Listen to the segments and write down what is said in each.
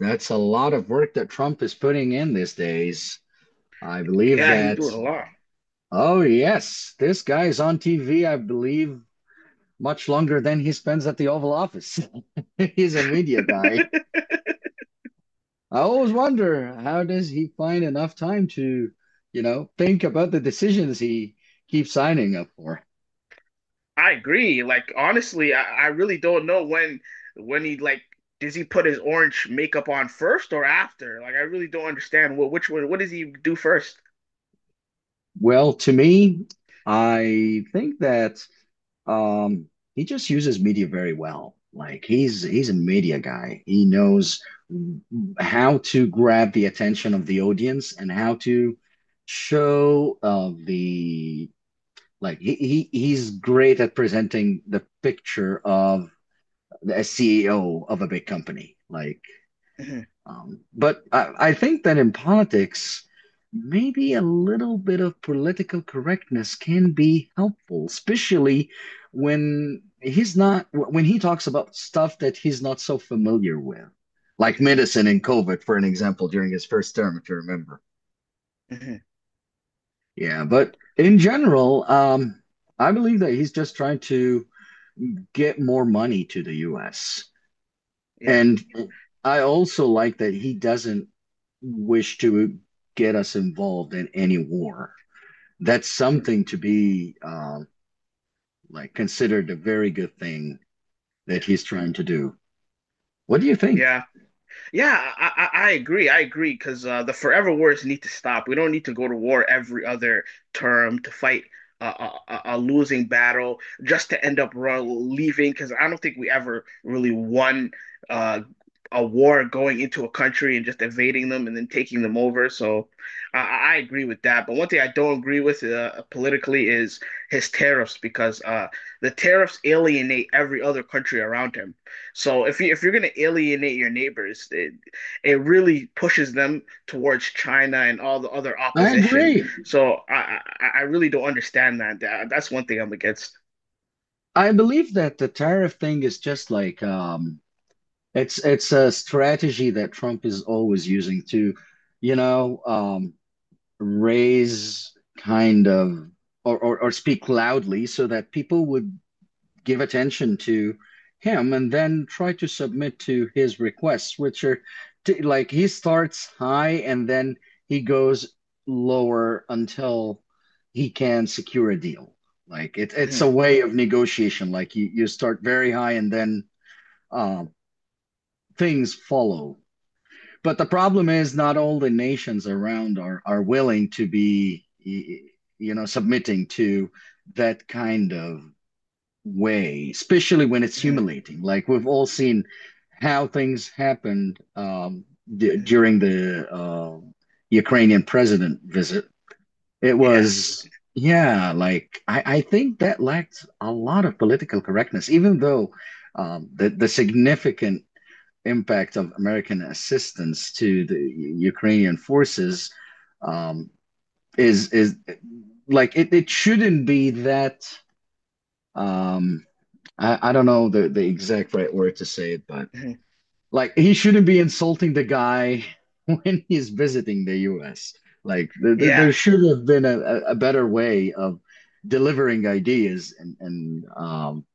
That's a lot of work that Trump is putting in these days. I believe Yeah, he's that, doing a lot. oh, yes, this guy's on TV, I believe, much longer than he spends at the Oval Office. He's a media guy. I always wonder how does he find enough time to, think about the decisions he keeps signing up for? I agree. Like honestly, I really don't know when he like does he put his orange makeup on first or after? Like I really don't understand what which one what does he do 1st. Well, to me, I think that Um, he just uses media very well. Like he's a media guy. He knows how to grab the attention of the audience and how to show the like he's great at presenting the picture of a CEO of a big company. Like Hmm. But I think that in politics, maybe a little bit of political correctness can be helpful, especially when he's not, when he talks about stuff that he's not so familiar with, like Hmm. medicine and COVID, for an example, during his first term, if you remember. Hmm. Yeah, but in general, I believe that he's just trying to get more money to the US. Yeah. And I also like that he doesn't wish to get us involved in any war. That's Hmm. something to be like considered a very good thing Yeah. that he's trying to do. What do you think? Yeah. Yeah, I agree. I agree because the forever wars need to stop. We don't need to go to war every other term to fight a losing battle just to end up leaving. Because I don't think we ever really won uh, a war going into a country and just invading them and then taking them over. So I agree with that. But one thing I don't agree with politically is his tariffs because the tariffs alienate every other country around him. So if you're gonna alienate your neighbors, it really pushes them towards China and all the other I opposition. agree. So I really don't understand that. That's one thing I'm against. I believe that the tariff thing is just like it's a strategy that Trump is always using to, you know, um, raise kind of or speak loudly so that people would give attention to him and then try to submit to his requests, which are like he starts high and then he goes lower until he can secure a deal. Like it's Mhm, a way of negotiation. Like you start very high and then uh, things follow. But the problem is not all the nations around are willing to be, you know, submitting to that kind of way, especially when it's mhm, humiliating. Like we've all seen how things happened d mhm. during the Ukrainian president visit. It Yeah, was, yeah, like I think that lacked a lot of political correctness, even though the significant impact of American assistance to the Ukrainian forces um, is like it shouldn't be that. Um, I don't know the exact right word to say it, but mhm. like he shouldn't be insulting the guy when he's visiting the US. Like there, there Yeah, there should have been a better way of delivering ideas and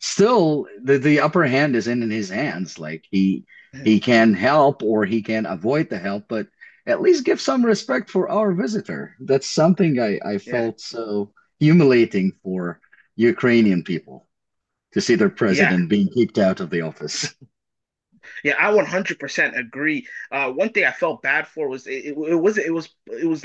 still the upper hand is in his hands. Like he mhm, he can help or he can avoid the help, but at least give some respect for our visitor. That's something I yeah, felt so humiliating for Ukrainian people to see their yeah. president being kicked out of the office. Yeah, I 100% agree. One thing I felt bad for was it was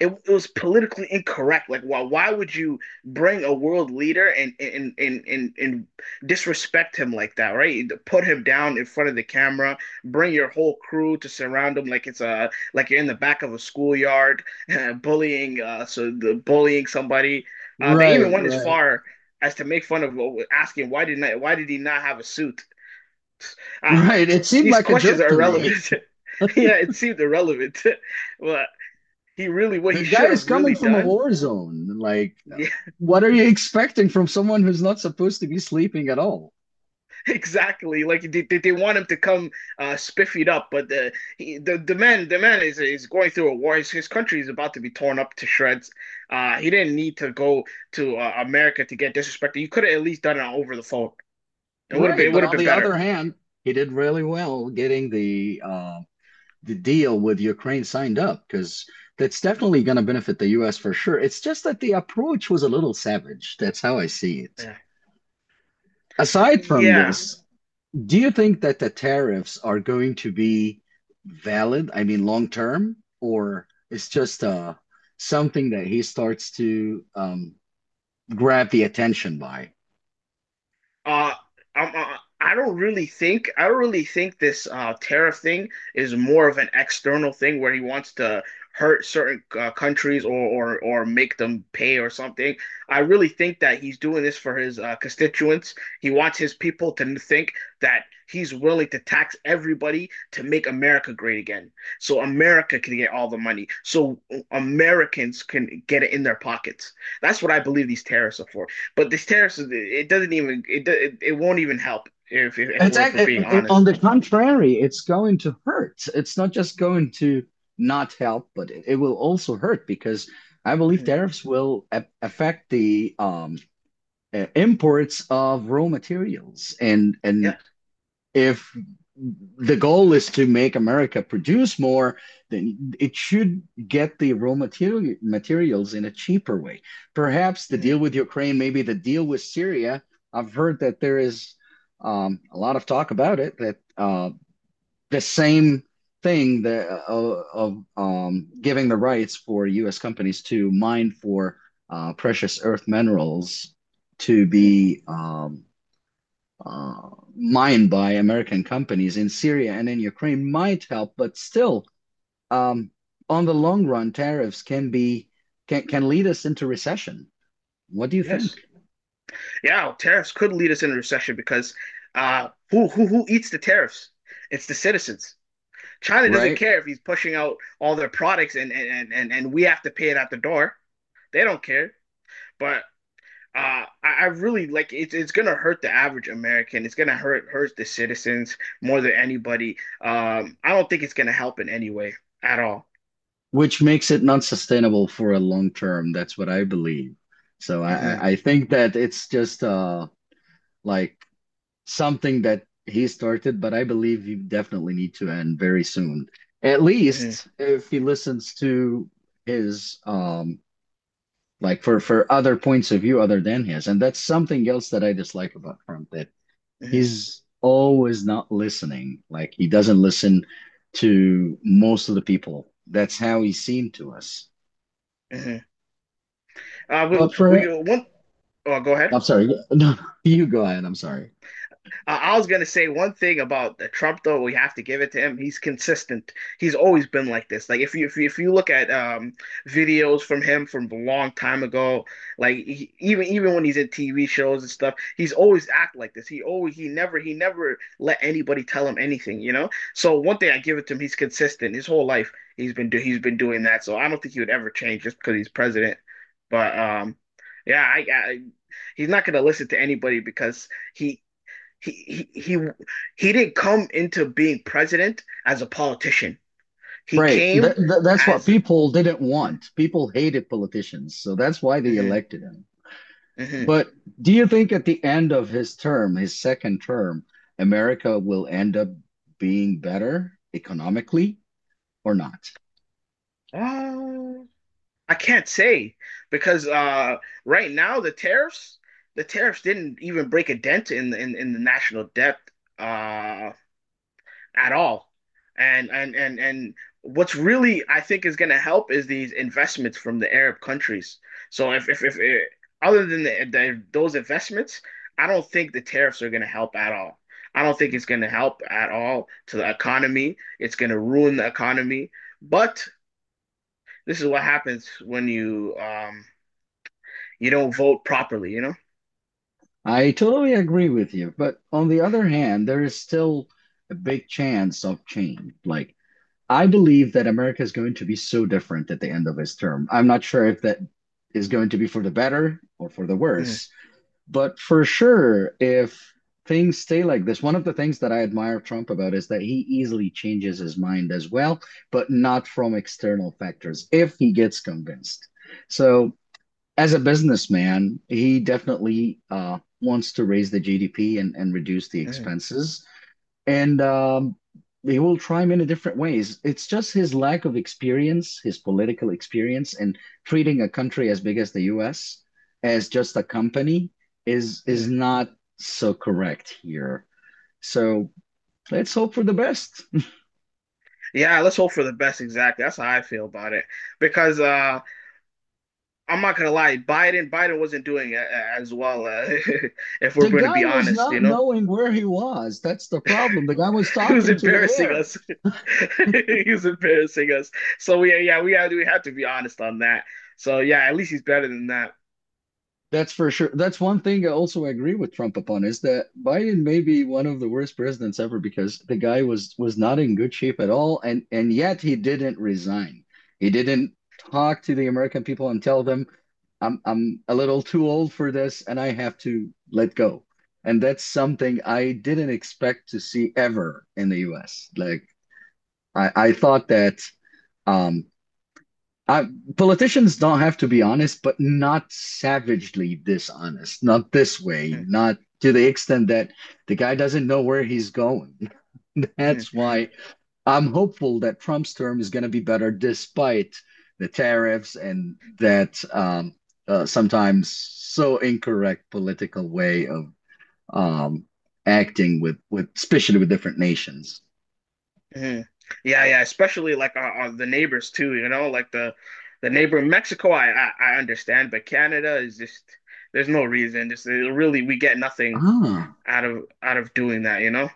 it, it was politically incorrect. Like, why would you bring a world leader and disrespect him like that, right? Put him down in front of the camera, bring your whole crew to surround him like it's a like you're in the back of a schoolyard, bullying so the bullying somebody. They even Right, went as right, far as to make fun of asking why did he not have a suit? Uh, right. It seemed these like a questions joke are to me. irrelevant. Yeah, it seemed irrelevant, but he really what The he guy should is have coming really from a done. war zone. Like, what are you expecting from someone who's not supposed to be sleeping at all? Yeah, exactly. Like want him to come spiffied up, but the man is going through a war. His country is about to be torn up to shreds. He didn't need to go to America to get disrespected. You could have at least done it over the phone. It would have been Right, it but would have on been the other better. hand, he did really well getting the deal with Ukraine signed up because that's definitely going to benefit the U.S. for sure. It's just that the approach was a little savage. That's how I see it. Yeah, Aside from yeah. this, do you think that the tariffs are going to be valid, I mean, long term, or it's just something that he starts to grab the attention by? Uh, I don't really think this tariff thing is more of an external thing where he wants to hurt certain countries or make them pay or something. I really think that he's doing this for his constituents. He wants his people to think that he's willing to tax everybody to make America great again, so America can get all the money, so Americans can get it in their pockets. That's what I believe these tariffs are for. But these tariffs, it doesn't even it do- it won't even help if It's we're being on honest. the contrary, it's going to hurt. It's not just going to not help, but it will also hurt because I believe Mhm. tariffs will a affect the imports of raw materials and Yeah. and if the goal is to make America produce more, then it should get the raw materials in a cheaper way. Perhaps the deal Hmm. with Ukraine, maybe the deal with Syria. I've heard that there is a lot of talk about it that the same thing that, of giving the rights for U.S. companies to mine for precious earth minerals to Hmm. be uh, mined by American companies in Syria and in Ukraine might help, but still, um, on the long run, tariffs can be can lead us into recession. What do you think? Yes. Yeah. Tariffs could lead us into recession because who eats the tariffs? It's the citizens. China doesn't Right? care if he's pushing out all their products and we have to pay it out the door. They don't care. But I really, like, it's gonna hurt the average American. It's gonna hurt the citizens more than anybody. I don't think it's gonna help in any way at all. Which makes it not sustainable for a long term. That's what I believe. So Uh I huh. I I think that it's just like something that he started, but I believe you definitely need to end very soon. At Uh huh. least if he listens to his like for other points of view other than his, and that's something else that I dislike about Trump, that Uh huh. he's always not listening. Like he doesn't listen to most of the people. That's how he seemed to us. Uh huh. But for, we one. Oh, go ahead. I'm sorry, no, you go ahead, I'm sorry. I was gonna say one thing about Trump though. We have to give it to him. He's consistent. He's always been like this. Like if you look at videos from him from a long time ago, like he, even when he's in TV shows and stuff, he's always act like this. He never let anybody tell him anything. You know. So one thing I give it to him, he's consistent. His whole life he's been doing that. So I don't think he would ever change just because he's president. But yeah, I he's not going to listen to anybody because he he he he, he didn't come into being president as a politician. He Right. came That's what as. people didn't Mhm, want. People hated politicians. So that's why they mhm, elected him. mhm. But do you think at the end of his term, his second term, America will end up being better economically or not? Uh, I can't say because right now the tariffs didn't even break a dent in the national debt. Uh, at all. And what's really I think is going to help is these investments from the Arab countries. So if other than those investments, I don't think the tariffs are going to help at all. I don't think it's going to help at all to the economy. It's going to ruin the economy. But this is what happens when you don't vote properly, you know? I totally agree with you. But on the other hand, there is still a big chance of change. Like, I believe that America is going to be so different at the end of his term. I'm not sure if that is going to be for the better or for the Mm, worse. But for sure, if things stay like this, one of the things that I admire Trump about is that he easily changes his mind as well, but not from external factors if he gets convinced. So, as a businessman, he definitely wants to raise the GDP and reduce the mm, expenses and he will try him in a different ways. It's just his lack of experience, his political experience, and treating a country as big as the U.S. as just a company is mm. not so correct here. So let's hope for the best. Yeah, let's hope for the best. Exactly. That's how I feel about it. Because I'm not gonna lie, Biden wasn't doing as well. If we're The going to guy be was honest, not knowing where he was. That's the problem. The guy was he was talking to the embarrassing air. us. He was embarrassing us. So we yeah, we have to be honest on that. So yeah, at least he's better than that. That's for sure. That's one thing I also agree with Trump upon is that Biden may be one of the worst presidents ever because the guy was not in good shape at all, and yet he didn't resign. He didn't talk to the American people and tell them, I'm a little too old for this, and I have to let go." And that's something I didn't expect to see ever in the U.S. Like I thought that um I, politicians don't have to be honest, but not savagely dishonest, not this way, Mhm, not to the extent that the guy doesn't know where he's going. mhm, That's why I'm hopeful that Trump's term is going to be better despite the tariffs and that sometimes so incorrect political way of um, acting with, especially with different nations. mhm. Yeah, yeah, especially like our the neighbors too. You know, like the neighbor in Mexico, I understand, but Canada is just there's no reason. Just really, we get nothing Ah. Out of doing that. You know?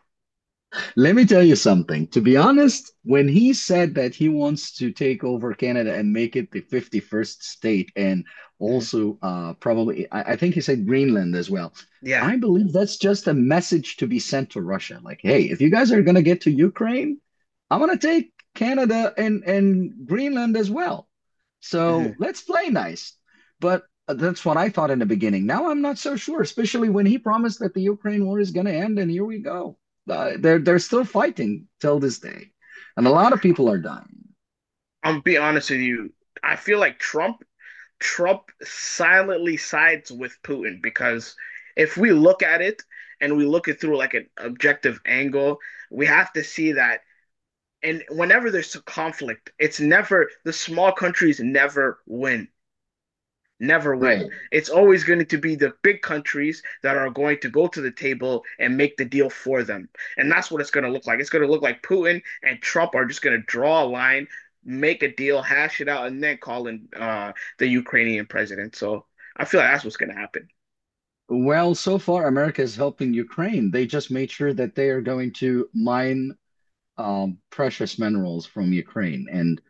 Let me tell you something. To be honest, when he said that he wants to take over Canada and make it the 51st state, and Mhm. also probably, I think he said Greenland as well. Yeah. I believe that's just a message to be sent to Russia. Like, hey, if you guys are going to get to Ukraine, I'm going to take Canada and Greenland as well. So Mhm. let's play nice. But that's what I thought in the beginning. Now I'm not so sure, especially when he promised that the Ukraine war is going to end, and here we go. They're still fighting till this day, and a lot of people are dying. I'm be honest with you. I feel like Trump silently sides with Putin because if we look at it and we look it through like an objective angle, we have to see that. And whenever there's a conflict, it's never the small countries never win. Right. It's always going to be the big countries that are going to go to the table and make the deal for them. And that's what it's going to look like. It's going to look like Putin and Trump are just going to draw a line, make a deal, hash it out, and then call in the Ukrainian president. So I feel like that's what's going to happen. Well, so far America is helping Ukraine. They just made sure that they are going to mine precious minerals from Ukraine, and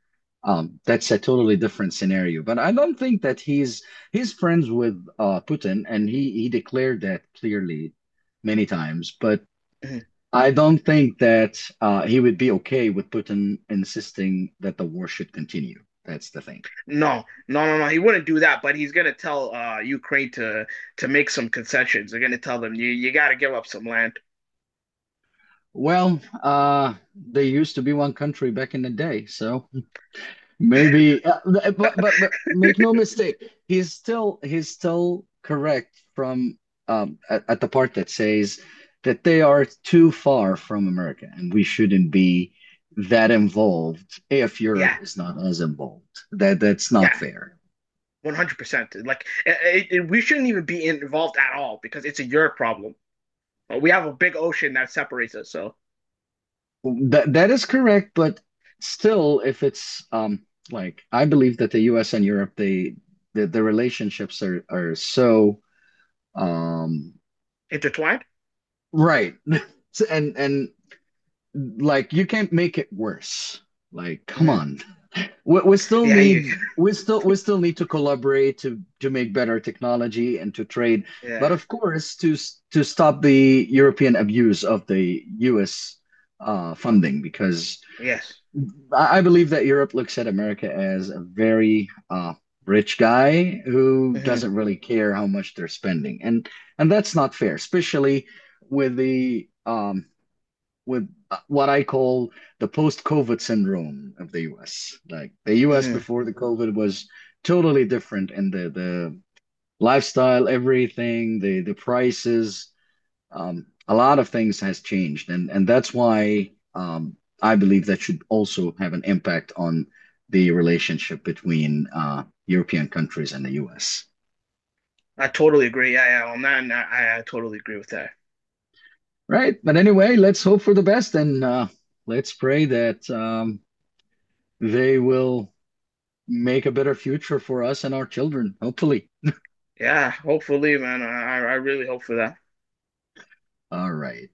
that's a totally different scenario. But I don't think that he's friends with Putin, and he declared that clearly many times. But Mhm. I don't think that he would be okay with Putin insisting that the war should continue. That's the thing. No, no, no, no. He wouldn't do that, but he's gonna tell Ukraine to make some concessions. They're gonna tell them you gotta give up some land. Well, they used to be one country back in the day, so maybe. But make no mistake, he's still correct from at the part that says that they are too far from America, and we shouldn't be that involved if Europe Yeah, is not as involved. That's not yeah. fair. 100%. Like we shouldn't even be involved at all because it's a your problem. We have a big ocean that separates us. So That that is correct, but still, if it's like I believe that the U.S. and Europe, they the relationships are so um intertwined. right, and like you can't make it worse. Like, come Mm-hmm. on, Yeah. You. We still need to collaborate to make better technology and to trade, but Yeah. of course to to stop the European abuse of the U.S. Funding because. Yes. I believe that Europe looks at America as a very rich guy who Mm-hmm. doesn't really care how much they're spending, and that's not fair, especially with the with what I call the post-COVID syndrome of the U.S. Like the U.S. Mm-hmm. before the COVID was totally different, and the lifestyle, everything, the prices, a lot of things has changed, and that's why I believe that should also have an impact on the relationship between European countries and the US. I totally agree. Yeah. Yeah. On that, I totally agree with that. Right. But anyway, let's hope for the best and let's pray that they will make a better future for us and our children, hopefully. Yeah. Hopefully, man. I really hope for that. All right.